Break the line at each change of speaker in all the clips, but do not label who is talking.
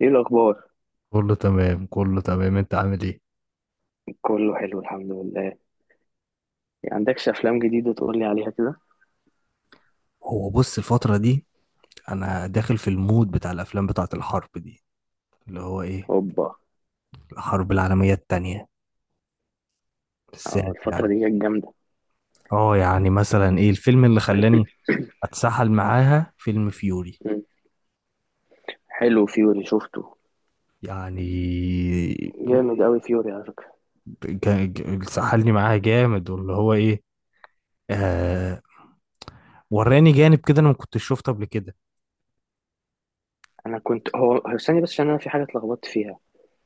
ايه الاخبار؟
كله تمام كله تمام، انت عامل ايه؟
كله حلو الحمد لله يعني. عندكش افلام جديده تقول لي عليها كده؟
هو بص، الفترة دي أنا داخل في المود بتاع الأفلام بتاعة الحرب دي، اللي هو إيه،
اوبا.
الحرب العالمية التانية
اه،
بالذات
الفتره
يعني.
دي كانت جامده.
اه، يعني مثلا ايه الفيلم اللي خلاني اتسحل معاها؟ فيلم فيوري
مم. حلو فيوري شفته.
يعني.
جامد قوي فيوري على فكره.
سحلني معاها جامد واللي هو ايه. آه وراني جانب كده، انا ما كنتش شفته قبل كده.
انا كنت هو استني بس عشان انا في حاجه اتلخبطت فيها.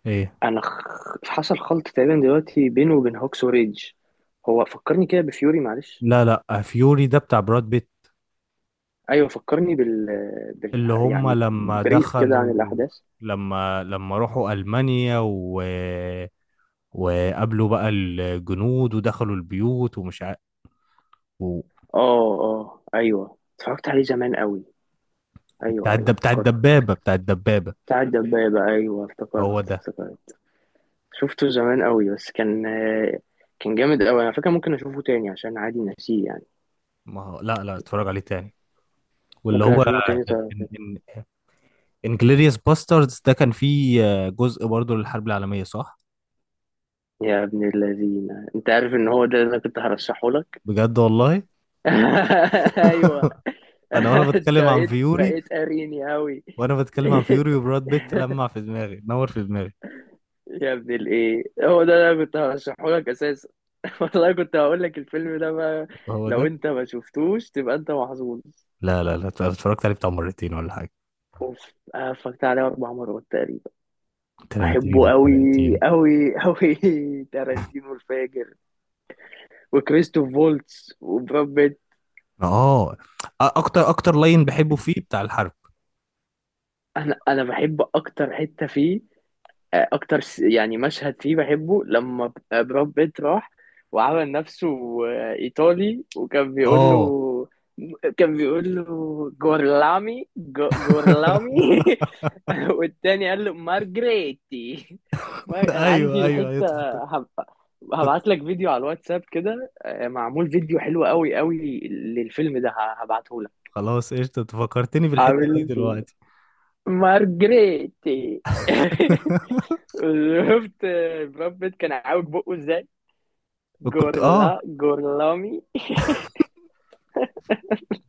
ايه،
انا خ... حصل خلط تقريبا دلوقتي بينه وبين هوكس وريدج. هو فكرني كده بفيوري، معلش.
لا لا، فيوري ده بتاع براد بيت.
ايوه فكرني
اللي هم
يعني
لما
بريف كده عن
دخلوا،
الاحداث.
لما راحوا ألمانيا، و... وقابلوا بقى الجنود ودخلوا البيوت ومش عارف. و...
اه اه ايوه اتفرجت عليه زمان قوي.
بتاع
ايوه ايوه افتكرت.
الدبابة، بتاع الدبابة.
بتاع الدبابة، أيوه افتكرت
هو ده.
افتكرت. شفته زمان قوي بس كان كان جامد قوي. انا فاكر ممكن اشوفه تاني عشان عادي ناسيه يعني.
ما هو، لا لا، اتفرج عليه تاني. واللي
ممكن
هو
اشوفه تاني طب.
انجلوريوس باستردز ده، كان فيه جزء برضه للحرب العالمية، صح؟
يا ابن الذين، انت عارف ان هو ده اللي أنا كنت هرشحه لك؟
بجد والله.
ايوه.
انا وانا
انت
بتكلم عن
بقيت
فيوري
بقيت قاريني قوي.
وانا بتكلم عن فيوري وبراد بيت لمع في دماغي، نور في دماغي،
يا ابن الايه، هو ده اللي أنا كنت هرشحه لك اساسا. والله كنت هقول لك الفيلم ده بقى.
هو
لو
ده.
انت ما شفتوش تبقى انت محظوظ.
لا لا لا، اتفرجت عليه بتاع مرتين ولا حاجة.
اوف، أنا اتفرجت عليه اربع مرات تقريبا.
تارنتينو
بحبه قوي.
تارنتينو.
قوي قوي. تارانتينو الفاجر. وكريستوف فولتس وبراد بيت.
اه، اكتر لاين بحبه فيه بتاع الحرب.
انا بحب اكتر حته فيه. اكتر يعني مشهد فيه بحبه لما براد بيت راح وعمل نفسه ايطالي، وكان بيقول
اه.
له. كان بيقول له جورلامي، جورلامي والتاني قال له مارجريتي. انا عندي
ايوه ايوه ايوه،
الحته. هب- هبعت لك فيديو على الواتساب كده، معمول فيديو حلو قوي قوي للفيلم ده هبعته لك.
خلاص قشطة، انت فكرتني بالحتة دي
عامل فيه
دلوقتي.
مارجريتي شفت براد بيت كان عاوج بقه ازاي؟
كنت،
جورلامي.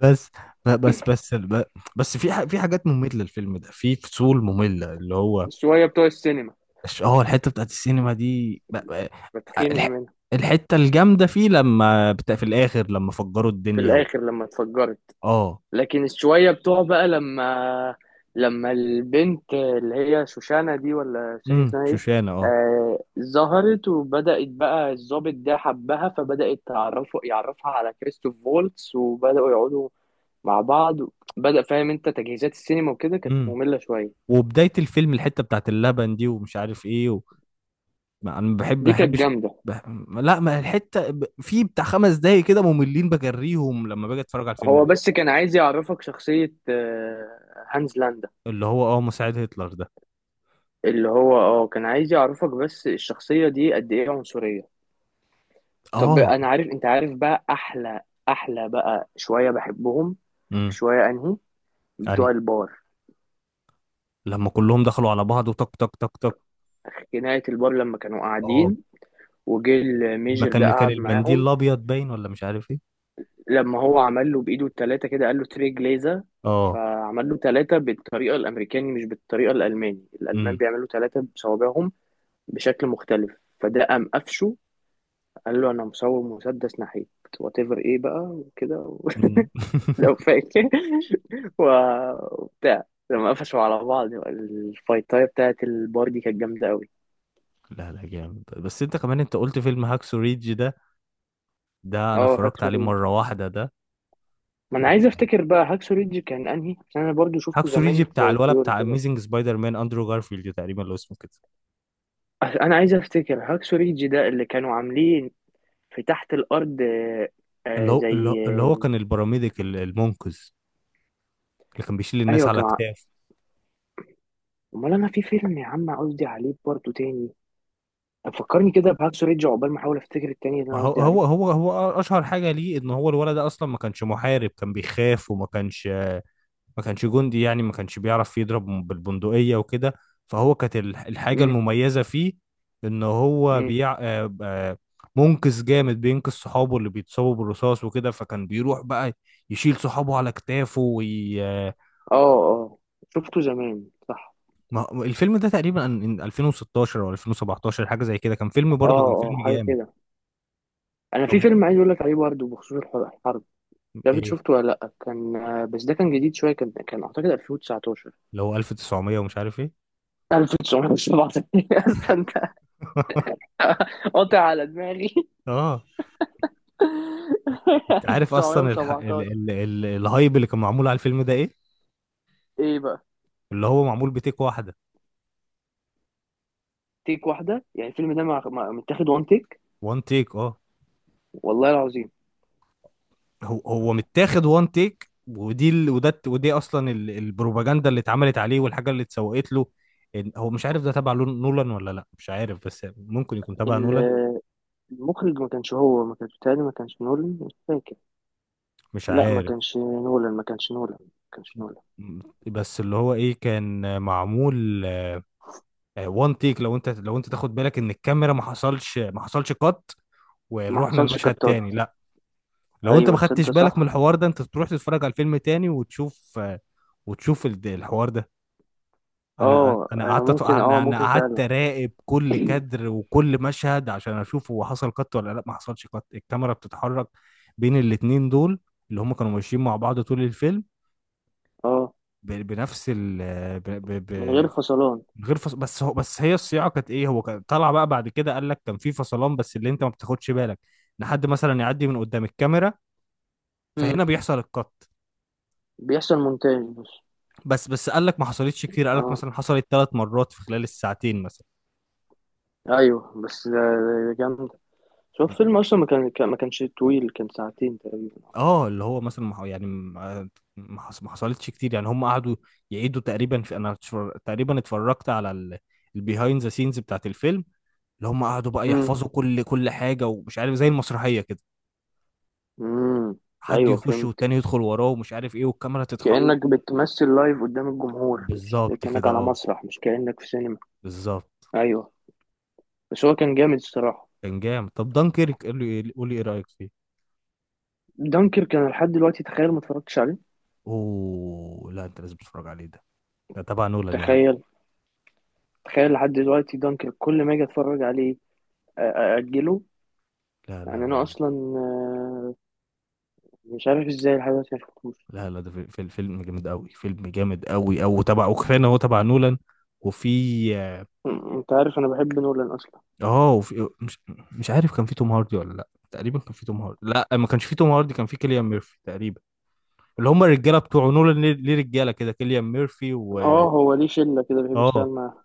بس، ب- بس بس ب- في في حاجات مملة، الفيلم ده في فصول مملة، اللي هو
الشويه بتوع السينما
الحتة بتاعت السينما دي.
بتخنق
الح-
منها.
الحتة الجامدة فيه لما في الآخر لما فجروا
في
الدنيا. و...
الاخر لما اتفجرت.
اه،
لكن الشويه بتوع بقى لما البنت اللي هي شوشانة دي، ولا مش فاكر
امم،
اسمها ايه،
شوشانة، اه.
آه ظهرت وبدأت بقى الضابط ده حبها، فبدأت تعرفه يعرفها على كريستوف فولتس وبدأوا يقعدوا مع بعض. بدأ فاهم انت تجهيزات السينما وكده كانت
امم
مملة شوية.
وبداية الفيلم الحتة بتاعت اللبن دي ومش عارف ايه. و... ما انا، ما
دي كانت
بحبش.
جامدة.
بح... لا، ما الحتة، في بتاع خمس دقايق كده مملين بجريهم لما باجي اتفرج على الفيلم
هو
ده.
بس كان عايز يعرفك شخصية هانز لاندا.
اللي هو، مساعد هتلر ده.
اللي هو اه كان عايز يعرفك بس الشخصية دي قد ايه عنصرية. طب
اه،
انا عارف انت عارف بقى احلى، احلى بقى شوية بحبهم.
امم.
شوية انهي؟ بتوع
يعني
البار.
لما كلهم دخلوا على بعض، وتك تك تك تك.
نهاية البار لما كانوا
اه،
قاعدين وجه
ما
الميجر ده
كان
قعد
المنديل
معاهم.
الابيض باين ولا مش عارف ايه.
لما هو عمل له بايده التلاتة كده، قال له تري جليزا،
اه،
فعمل له تلاتة بالطريقة الأمريكاني مش بالطريقة الألماني. الألمان
امم.
بيعملوا تلاتة بصوابعهم بشكل مختلف. فده قام قفشه، قال له انا مصور مسدس ناحيك، وات ايفر ايه بقى وكده
أمم.
لو فاكر وبتاع، لما قفشوا على بعض الفايتايه بتاعت البار دي كانت جامده قوي.
لا لا، جامد. بس انت كمان انت قلت فيلم هاكسو ريدج ده انا
اه،
اتفرجت
هاكسو
عليه
ريدج.
مرة واحدة.
ما انا عايز
ده
افتكر بقى هاكسو ريدج كان انهي، عشان انا برضو شفته
هاكسو ريجي
زمان زي فيور
بتاع
كده.
اميزنج سبايدر مان، اندرو جارفيلد تقريبا لو اسمه كده.
انا عايز افتكر هاكسو ريدج ده اللي كانوا عاملين في تحت الارض،
اللي هو اللي هو
زي
اللي هو كان البراميديك، المنقذ اللي كان بيشيل الناس
ايوه
على اكتاف.
امال انا في فيلم يا عم قصدي عليه برضو تاني. فكرني كده بهاكسو ريدج عقبال ما احاول افتكر التاني اللي انا
هو
قصدي عليه.
هو هو هو اشهر حاجه ليه ان هو الولد ده اصلا ما كانش محارب، كان بيخاف، وما كانش جندي يعني، ما كانش بيعرف يضرب بالبندقيه وكده. فهو كانت الحاجه
امم.
المميزه فيه ان هو
امم.
بيع آه، آه، منقذ جامد، بينقذ صحابه اللي بيتصابوا بالرصاص وكده، فكان بيروح بقى يشيل صحابه على كتافه. وي...
اه اه شفته زمان، صح.
ما هو الفيلم ده تقريبا 2016 او 2017، حاجه زي كده، كان فيلم
اه
برضه، كان فيلم
اه حاجه
جامد.
كده. انا في
طب،
فيلم عايز اقول لك عليه برضه بخصوص الحرب. مش عارف
ايه
شفته ولا لا. كان بس ده كان جديد شويه، كان اعتقد 2019.
اللي هو 1900 ومش عارف ايه؟
1917 اصلا انت قاطع على دماغي.
اه، انت عارف اصلا الح... ال...
1917.
ال... ال... الهايب اللي كان معمول على الفيلم ده ايه؟
ايه بقى؟
اللي هو معمول بتيك واحده،
تيك واحده. يعني الفيلم ده متاخد وان تيك.
وان تيك. اه.
والله العظيم.
هو متاخد وان تيك، ودي اصلا البروباجندا اللي اتعملت عليه والحاجه اللي اتسوقت له. هو مش عارف ده تبع نولان ولا لا، مش عارف، بس ممكن يكون تبع نولان.
ال- المخرج ما كانش، بتهيألي ما كانش نولان، مش فاكر.
مش
لا ما
عارف،
كانش نولان، ما كانش نولان، ما كانش نولان.
بس اللي هو ايه، كان معمول وان تيك. لو انت تاخد بالك ان الكاميرا ما حصلش قط،
ما
ورحنا
حصلش
المشهد
كتات.
تاني، لا. لو انت ما
ايوه
خدتش
تصدق
بالك
صح.
من الحوار ده، انت تروح تتفرج على الفيلم تاني وتشوف الحوار ده. انا
اه
انا
انا
قعدت أت-
ممكن، اه
انا أنا
ممكن
قعدت
فعلا.
اراقب كل كادر وكل مشهد عشان اشوف هو حصل قط ولا لا. ما حصلش قط، الكاميرا بتتحرك بين الاتنين دول اللي هم كانوا ماشيين مع بعض طول الفيلم
اه
بنفس ال.
من غير فصلان.
من غير فص... بس هو، بس هي الصياعه كانت ايه، هو كان طلع بقى بعد كده قال لك كان في فصلان، بس اللي انت ما بتاخدش بالك، لحد مثلا يعدي من قدام الكاميرا
مم.
فهنا بيحصل القط.
بيحصل مونتاج بس.
بس قال لك ما حصلتش كتير، قال لك
اه
مثلا حصلت ثلاث مرات في خلال الساعتين مثلا.
ايوه، بس ده جامد.
يعني،
شوف فيلم اصلا ما كانش طويل، كان ساعتين تقريبا.
اه اللي هو مثلا، ما ح- يعني ما ما حص- ما حصلتش كتير يعني. هم قعدوا يعيدوا تقريبا، تقريبا اتفرجت على البيهايند ذا سينز بتاعت الفيلم، اللي هم قعدوا بقى
امم.
يحفظوا كل حاجه ومش عارف، زي المسرحيه كده،
امم.
حد
ايوه
يخش
فهمت.
والتاني يدخل وراه ومش عارف ايه، والكاميرا تتح.
كأنك بتمثل لايف قدام الجمهور، مش
بالظبط
كأنك
كده،
على
اه،
مسرح، مش كأنك في سينما.
بالظبط.
ايوه. بس هو كان جامد الصراحة.
كان جامد. طب دانكيرك، قول لي ايه رايك فيه؟
دانكر كان لحد دلوقتي تخيل ما اتفرجتش عليه.
اوه لا، انت لازم تتفرج عليه ده، ده تبع نولان يا عم.
تخيل. تخيل لحد دلوقتي دانكر كل ما اجي اتفرج عليه اجله.
لا لا
يعني انا
لا لا
اصلا، آه، مش عارف ازاي لحد دلوقتي ما شفتوش.
لا لا، ده في فيلم جامد قوي، فيلم جامد قوي، او تبع، وكفايه ان هو تبع نولان. وفي،
انت عارف انا بحب نولان اصلا.
اه، وفي، مش عارف، كان في توم هاردي ولا لا، تقريبا كان في توم هاردي، لا ما كانش في توم هاردي، كان في كيليان ميرفي تقريبا. اللي هم الرجاله بتوع نولان، ليه رجاله كده، كيليان ميرفي و
اه، هو ليه شله كده بيحب يشتغل
اه
معاها.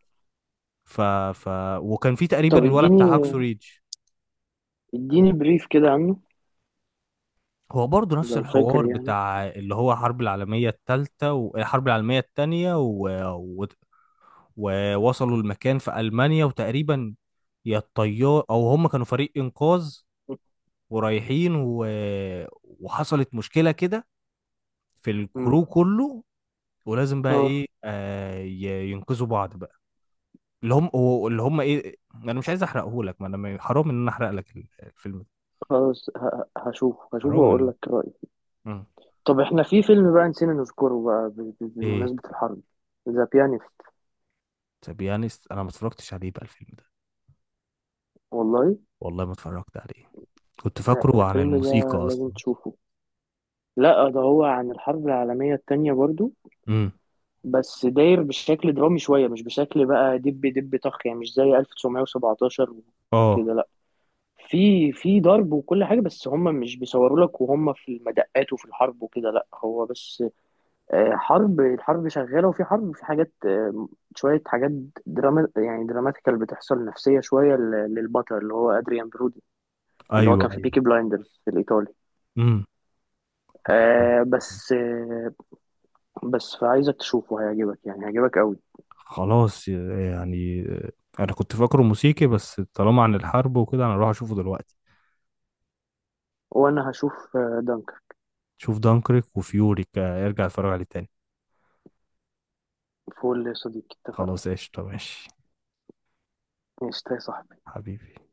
ف ف وكان في تقريبا
طب
الولد بتاع هاكسو
اديني،
ريدج.
اديني بريف كده عنه.
هو برضه نفس
لو فاكر
الحوار
يعني.
بتاع اللي هو الحرب العالمية التالتة والحرب العالمية التانية، و... و... ووصلوا المكان في ألمانيا وتقريبا، يا الطيار أو هم كانوا فريق إنقاذ ورايحين، و... وحصلت مشكلة كده في
مم.
الكرو كله. ولازم بقى
اه.
إيه، ينقذوا بعض بقى. اللي هم اللي هم إيه، أنا مش عايز أحرقه لك. ما أنا، حرام إن أنا أحرق لك الفيلم ده.
خلاص، هشوف هشوف
حرام إن
واقول لك رايي.
مم.
طب احنا في فيلم بقى نسينا نذكره بقى
إيه.
بمناسبه الحرب. ذا بيانيست.
طب، يعني أنا ما اتفرجتش عليه بقى الفيلم ده.
والله.
والله ما اتفرجت عليه، كنت
لا،
فاكره عن
الفيلم
الموسيقى
ده لازم
اصلا.
تشوفه. لا، ده هو عن الحرب العالميه التانية برضو.
امم.
بس داير بشكل درامي شوية، مش بشكل بقى دب دب طخ. يعني مش زي 1917
اه.
وكده لا. في ضرب وكل حاجة، بس هم مش بيصوروا لك وهم في المدقات وفي الحرب وكده. لا هو بس حرب، الحرب شغالة وفي حرب وفي حاجات، شوية حاجات دراما يعني دراماتيكال بتحصل نفسية شوية للبطل اللي هو أدريان برودي. اللي هو
ايوه
كان في
ايوه.
بيكي بلايندرز الإيطالي.
امم.
آه بس آه بس فعايزك تشوفه هيعجبك يعني هيعجبك قوي.
خلاص يعني، انا كنت فاكره موسيقي بس طالما عن الحرب وكده، انا اروح اشوفه دلوقتي.
وأنا هشوف دانكر.
شوف دانكريك وفيوري، ارجع اتفرج عليه تاني.
فول يا صديقي اتفقنا.
خلاص قشطة، ماشي.
ماشي يا صاحبي.
حبيبي.